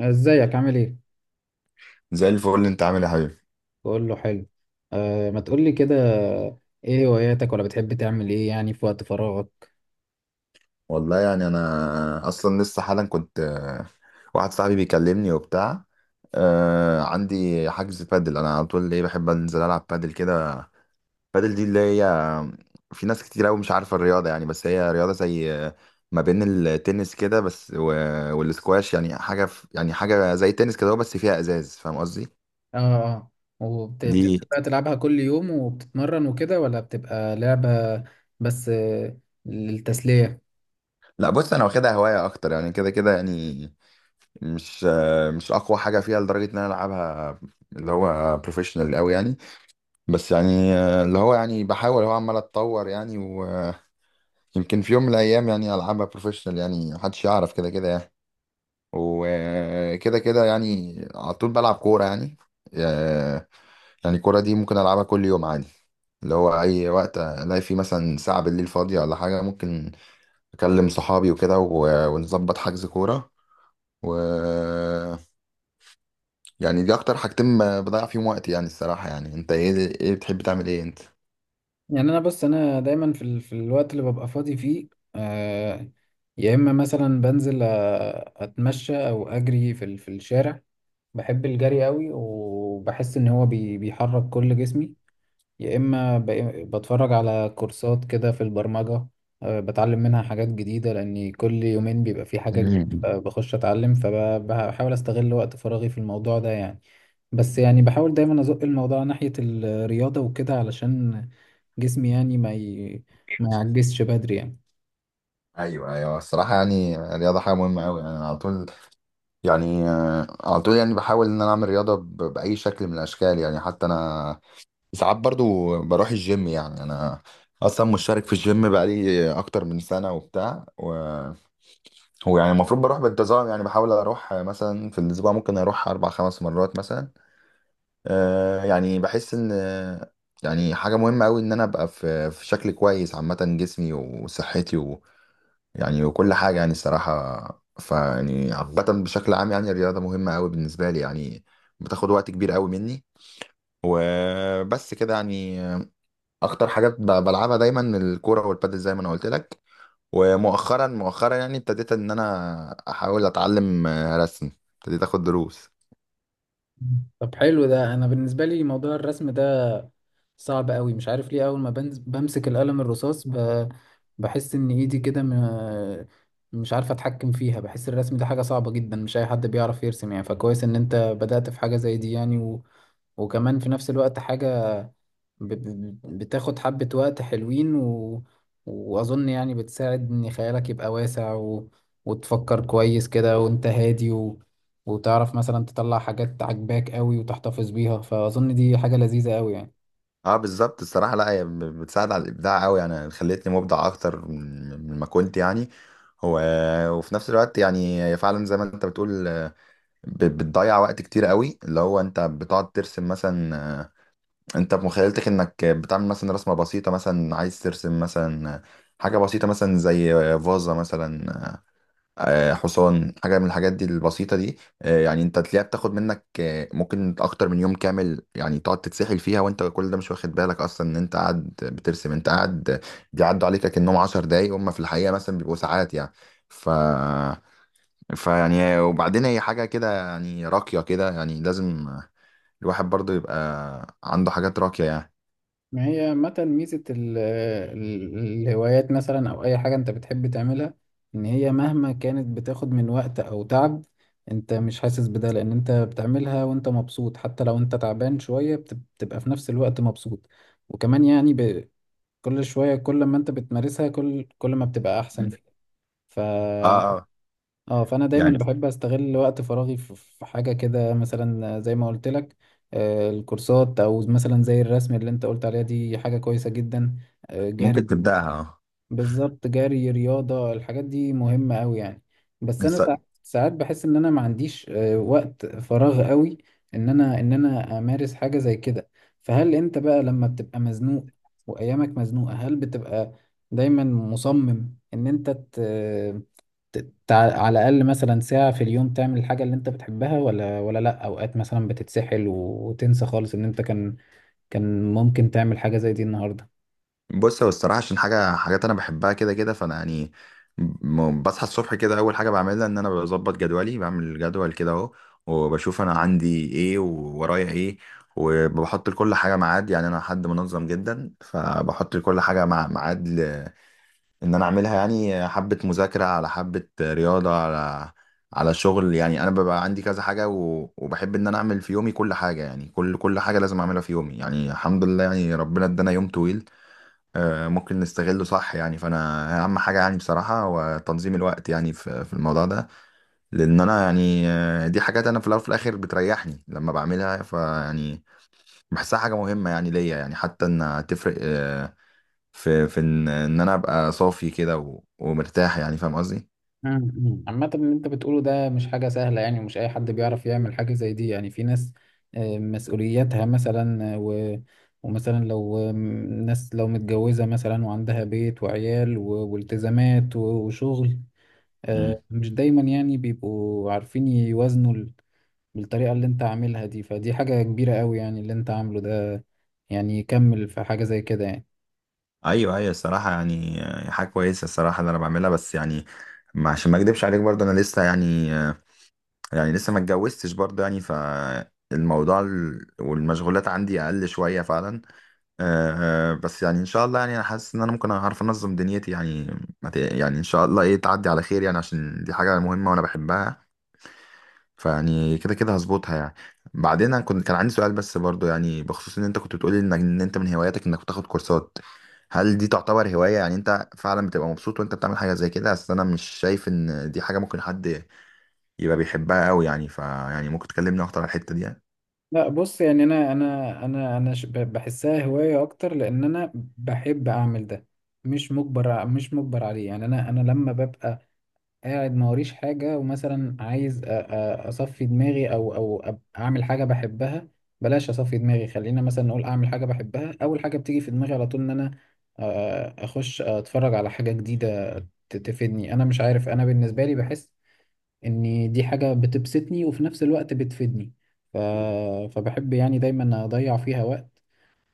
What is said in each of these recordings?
ازيك؟ عامل ايه؟ زي الفل، انت عامل ايه يا حبيبي؟ بقول له حلو. آه، ما تقول لي كده. ايه هواياتك، ولا بتحب تعمل ايه يعني في وقت فراغك؟ والله يعني انا اصلا لسه حالا كنت واحد صاحبي بيكلمني وبتاع. عندي حجز بادل، انا على طول ايه، بحب انزل العب بادل كده. بادل دي اللي هي، في ناس كتير قوي مش عارفه الرياضه يعني، بس هي رياضه زي ما بين التنس كده بس والسكواش، يعني حاجه يعني حاجه زي التنس كده هو، بس فيها ازاز، فاهم قصدي؟ اه. اه، دي، وبتبقى تلعبها كل يوم وبتتمرن وكده، ولا بتبقى لعبة بس للتسلية؟ لا بص، انا واخدها هوايه اكتر يعني، كده كده يعني مش اقوى حاجه فيها لدرجه ان انا العبها اللي هو بروفيشنال قوي يعني. بس يعني اللي هو يعني بحاول، هو عمال اتطور يعني، ويمكن في يوم من الايام يعني العبها بروفيشنال، يعني محدش يعرف، كده كده يعني. وكده كده يعني على طول بلعب كوره يعني، آه، يعني الكوره دي ممكن العبها كل يوم عادي، اللي هو اي وقت الاقي فيه مثلا ساعه بالليل فاضيه ولا حاجه، ممكن اكلم صحابي وكده و- ونظبط حجز كوره و يعني دي اكتر حاجتين ب- بضيع فيهم وقتي يعني الصراحة. يعني انت ايه بتحب تعمل ايه انت؟ يعني انا بص، انا دايما في الوقت اللي ببقى فاضي فيه، آه، يا اما مثلا بنزل اتمشى او اجري في الشارع. بحب الجري قوي، وبحس ان هو بيحرك كل جسمي. يا إما بتفرج على كورسات كده في البرمجة، بتعلم منها حاجات جديدة، لأن كل يومين بيبقى في حاجة جديدة. مم. بخش أتعلم، فبحاول أستغل وقت فراغي في الموضوع ده يعني. بس يعني بحاول دايما أزق الموضوع ناحية الرياضة وكده، علشان جسمي يعني ما يعجزش بدري يعني. ايوه ايوه، الصراحه يعني الرياضه حاجه مهمه قوي يعني. أنا على طول يعني، على طول يعني بحاول ان انا اعمل رياضه ب- باي شكل من الاشكال يعني. حتى انا ساعات برضو بروح الجيم، يعني انا اصلا مشترك في الجيم بقالي اكتر من سنه وبتاع، وهو يعني المفروض بروح بانتظام يعني، بحاول اروح مثلا في الاسبوع ممكن اروح اربع خمس مرات مثلا. يعني بحس ان يعني حاجة مهمة قوي ان انا ابقى في شكل كويس عامة، جسمي وصحتي ويعني وكل حاجة يعني، الصراحة فيعني عامة بشكل عام يعني الرياضة مهمة قوي بالنسبة لي يعني، بتاخد وقت كبير قوي مني. وبس كده يعني، اكتر حاجات ب- بلعبها دايما الكورة والبادل زي ما انا قلت لك. ومؤخرا مؤخرا يعني ابتديت ان انا احاول اتعلم رسم، ابتديت اخد دروس. طب حلو ده. انا بالنسبه لي موضوع الرسم ده صعب قوي، مش عارف ليه. اول ما بمسك القلم الرصاص بحس ان ايدي كده مش عارف اتحكم فيها. بحس الرسم ده حاجه صعبه جدا، مش اي حد بيعرف يرسم يعني، فكويس ان انت بدأت في حاجه زي دي يعني. و... وكمان في نفس الوقت حاجه بتاخد حبة وقت حلوين، و... وأظن يعني بتساعد إن خيالك يبقى واسع، و... وتفكر كويس كده وأنت هادي، و... وتعرف مثلا تطلع حاجات عجباك قوي وتحتفظ بيها. فأظن دي حاجة لذيذة قوي يعني. اه بالظبط الصراحه، لا هي ب- بتساعد على الابداع قوي يعني، خلتني مبدع اكتر من ما كنت يعني. هو وفي نفس الوقت يعني هي فعلا زي ما انت بتقول، ب- بتضيع وقت كتير قوي، اللي هو انت بتقعد ترسم مثلا، انت بمخيلتك انك بتعمل مثلا رسمه بسيطه، مثلا عايز ترسم مثلا حاجه بسيطه مثلا زي فازه مثلا، حصان، حاجة من الحاجات دي البسيطة دي، يعني انت تلاقيها بتاخد منك ممكن اكتر من يوم كامل يعني، تقعد تتسحل فيها وانت كل ده مش واخد بالك اصلا ان انت قاعد بترسم. انت قاعد بيعدوا عليك كأنهم 10 دقايق، هم في الحقيقة مثلا بيبقوا ساعات يعني. ف فيعني وبعدين هي حاجة كده يعني راقية كده، يعني لازم الواحد برضو يبقى عنده حاجات راقية يعني. ما هي عامة ميزة الهوايات مثلا، أو أي حاجة أنت بتحب تعملها، إن هي مهما كانت بتاخد من وقت أو تعب، أنت مش حاسس بده، لأن أنت بتعملها وأنت مبسوط. حتى لو أنت تعبان شوية، بتبقى في نفس الوقت مبسوط. وكمان يعني ب- كل شوية، كل ما أنت بتمارسها كل ما بتبقى أحسن مم. فيها. ف اه اه، اه، فانا دايما يعني بحب استغل وقت فراغي في في حاجه كده مثلا، زي ما قلت لك، الكورسات، او مثلا زي الرسم اللي انت قلت عليها، دي حاجه كويسه جدا. جري. ممكن تبدأها. بالظبط، جري، رياضه، الحاجات دي مهمه قوي يعني. بس انا اه، ساعات بحس ان انا ما عنديش وقت فراغ قوي ان انا امارس حاجه زي كده. فهل انت بقى لما بتبقى مزنوق وايامك مزنوقه، هل بتبقى دايما مصمم ان انت على الأقل مثلا ساعة في اليوم تعمل الحاجة اللي أنت بتحبها، ولا لأ، أوقات مثلا بتتسحل وتنسى خالص إن أنت كان كان ممكن تعمل حاجة زي دي النهاردة؟ بص، هو الصراحة عشان حاجات أنا بحبها كده كده، فأنا يعني بصحى الصبح كده، أول حاجة بعملها إن أنا بظبط جدولي، بعمل جدول كده أهو، وبشوف أنا عندي إيه وورايا إيه، وبحط لكل حاجة ميعاد. يعني أنا حد منظم جدا، فبحط لكل حاجة مع ميعاد إن أنا أعملها، يعني حبة مذاكرة على حبة رياضة على شغل. يعني أنا ببقى عندي كذا حاجة و... وبحب إن أنا أعمل في يومي كل حاجة، يعني كل حاجة لازم أعملها في يومي يعني. الحمد لله يعني ربنا إدانا يوم طويل ممكن نستغله صح يعني. فانا اهم حاجه يعني بصراحه هو تنظيم الوقت يعني في الموضوع ده، لان انا يعني، دي حاجات انا في الاول وفي الاخر بتريحني لما بعملها فيعني، بحسها حاجه مهمه يعني ليا يعني، حتى انها تفرق في إن انا ابقى صافي كده و- ومرتاح يعني، فاهم قصدي؟ مم. مم. عامة اللي أنت بتقوله ده مش حاجة سهلة يعني، ومش أي حد بيعرف يعمل حاجة زي دي يعني. في ناس مسؤولياتها مثلا، و ومثلا لو ناس لو متجوزة مثلا وعندها بيت وعيال والتزامات و وشغل مم. مش دايما يعني بيبقوا عارفين يوازنوا بالطريقة اللي انت عاملها دي. فدي حاجة كبيرة قوي يعني اللي انت عامله ده، يعني يكمل في حاجة زي كده يعني. ايوه ايوه، الصراحه يعني حاجه كويسه الصراحه اللي انا بعملها، بس يعني عشان ما اكدبش عليك برضه، انا لسه يعني لسه ما اتجوزتش برضه يعني، فالموضوع والمشغولات عندي اقل شويه فعلا. أه آه، بس يعني ان شاء الله، يعني انا حاسس ان انا ممكن اعرف انظم دنيتي يعني، ما ت- يعني ان شاء الله ايه تعدي على خير يعني، عشان دي حاجه مهمه وانا بحبها، فيعني كده كده هظبطها يعني. بعدين انا كان عندي سؤال بس برضه يعني، بخصوص ان انت كنت بتقولي انك، انت من هواياتك انك بتاخد كورسات، هل دي تعتبر هوايه؟ يعني انت فعلا بتبقى مبسوط وانت بتعمل حاجه زي كده؟ اصل انا مش شايف ان دي حاجه ممكن حد يبقى بيحبها قوي يعني، فيعني ممكن تكلمني اكتر على الحتة دي يعني. لا بص، يعني انا بحسها هواية اكتر، لان انا بحب اعمل ده، مش مجبر عليه يعني. انا لما ببقى قاعد ما وريش حاجة، ومثلا عايز أصفي دماغي، أو أعمل حاجة بحبها، بلاش أصفي دماغي، خلينا مثلا نقول أعمل حاجة بحبها، أول حاجة بتيجي في دماغي على طول إن أنا أخش أتفرج على حاجة جديدة تفيدني. أنا مش عارف، أنا بالنسبة لي بحس إن دي حاجة بتبسطني وفي نفس الوقت بتفيدني. ف... فبحب يعني دايما أضيع فيها وقت،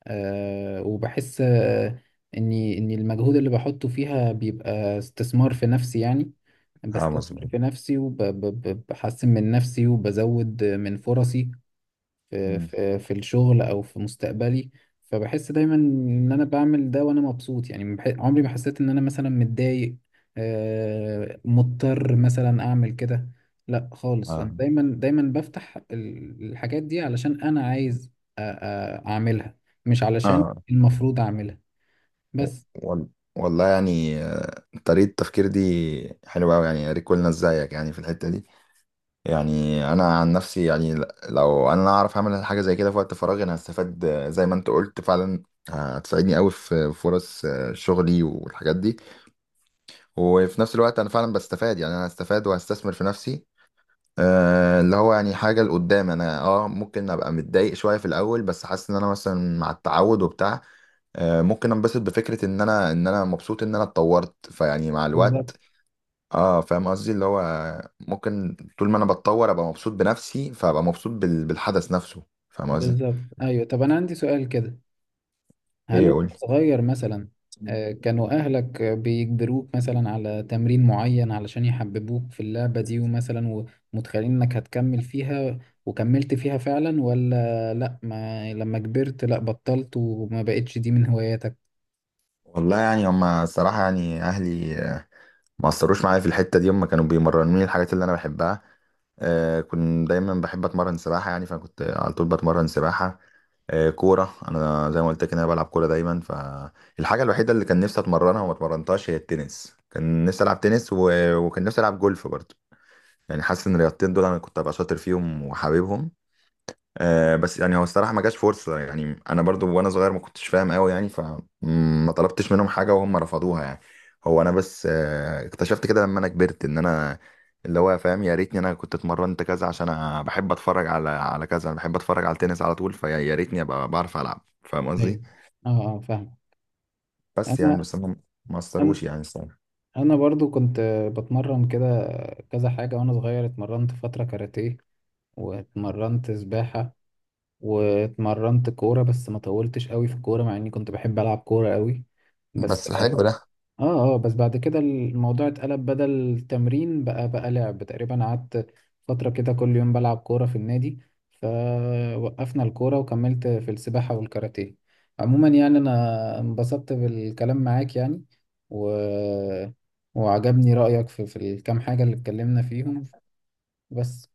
وبحس اني المجهود اللي بحطه فيها بيبقى استثمار في نفسي يعني. اه بستثمر مظبوط. في نفسي، وبحسن من نفسي، وبزود من فرصي في مم. في في الشغل او في مستقبلي. فبحس دايما ان انا بعمل ده وانا مبسوط يعني. ما بح- عمري ما حسيت ان انا مثلا متضايق، مضطر مثلا اعمل كده، لا خالص. انا اه دايما بفتح الحاجات دي علشان انا عايز اعملها، مش علشان اه. المفروض اعملها بس. وال- والله يعني، طريقة التفكير دي حلوة أوي يعني، يا ريت كلنا زيك يعني في الحتة دي. يعني أنا عن نفسي يعني، ل- لو أنا أعرف أعمل حاجة زي كده في وقت فراغي، أنا هستفاد، زي ما أنت قلت فعلا، هتساعدني أوي في فرص، شغلي والحاجات دي. وفي نفس الوقت أنا فعلا بستفاد يعني، أنا هستفاد وهستثمر في نفسي، اللي هو يعني حاجة لقدام. أنا ممكن أبقى متضايق شوية في الأول، بس حاسس إن أنا مثلا مع التعود وبتاع، ممكن أنبسط بفكرة إن أنا مبسوط إن أنا اتطورت فيعني مع بالظبط. الوقت. اه فاهم قصدي، اللي هو ممكن طول ما أنا بتطور أبقى مبسوط بنفسي، فأبقى مبسوط بال- بالحدث نفسه، فاهم قصدي؟ بالظبط، ايوه. طب انا عندي سؤال كده. هل إيه؟ وانت قولي. صغير مثلا، كانوا اهلك بيجبروك مثلا على تمرين معين علشان يحببوك في اللعبة دي، ومثلا ومتخيلين انك هتكمل فيها، وكملت فيها فعلا؟ ولا لا، ما لما كبرت لا بطلت وما بقتش دي من هواياتك؟ والله يعني، هما الصراحة يعني أهلي ما اثروش معايا في الحته دي، هم كانوا بيمرنوني الحاجات اللي انا بحبها. كنت دايما بحب اتمرن سباحه يعني، فكنت على طول بتمرن سباحه. كوره انا زي ما قلت لك إن انا بلعب كوره دايما. فالحاجه الوحيده اللي كان نفسي اتمرنها وما اتمرنتهاش هي التنس، كان نفسي العب تنس، و... وكان نفسي العب جولف برضه. يعني حاسس ان الرياضتين دول انا كنت ابقى شاطر فيهم وحاببهم. بس يعني هو الصراحة ما جاش فرصة يعني، أنا برضو وأنا صغير ما كنتش فاهم أوي يعني، فما طلبتش منهم حاجة وهم رفضوها يعني. هو أنا بس اكتشفت كده لما أنا كبرت إن أنا، اللي هو فاهم، يا ريتني أنا كنت اتمرنت كذا، عشان أنا بحب أتفرج على كذا. أنا بحب أتفرج على التنس على طول، يا ريتني أبقى بعرف ألعب، فاهم ايوه. قصدي؟ اه. اه، فاهم. بس يعني، انا بس هم ما انا أثروش يعني الصراحة. انا برضو كنت بتمرن كده كذا حاجة وانا صغير. اتمرنت فترة كاراتيه، واتمرنت سباحة، واتمرنت كورة، بس ما طولتش قوي في الكورة مع اني كنت بحب العب كورة قوي. بس بس حلو ده. اه. اه، بس بعد كده الموضوع اتقلب، بدل تمرين بقى لعب. تقريبا قعدت فترة كده كل يوم بلعب كورة في النادي، فوقفنا الكورة وكملت في السباحة والكاراتيه. عموما يعني انا انبسطت بالكلام معاك يعني، و... وعجبني رأيك في الكام حاجة اللي اتكلمنا فيهم. بس.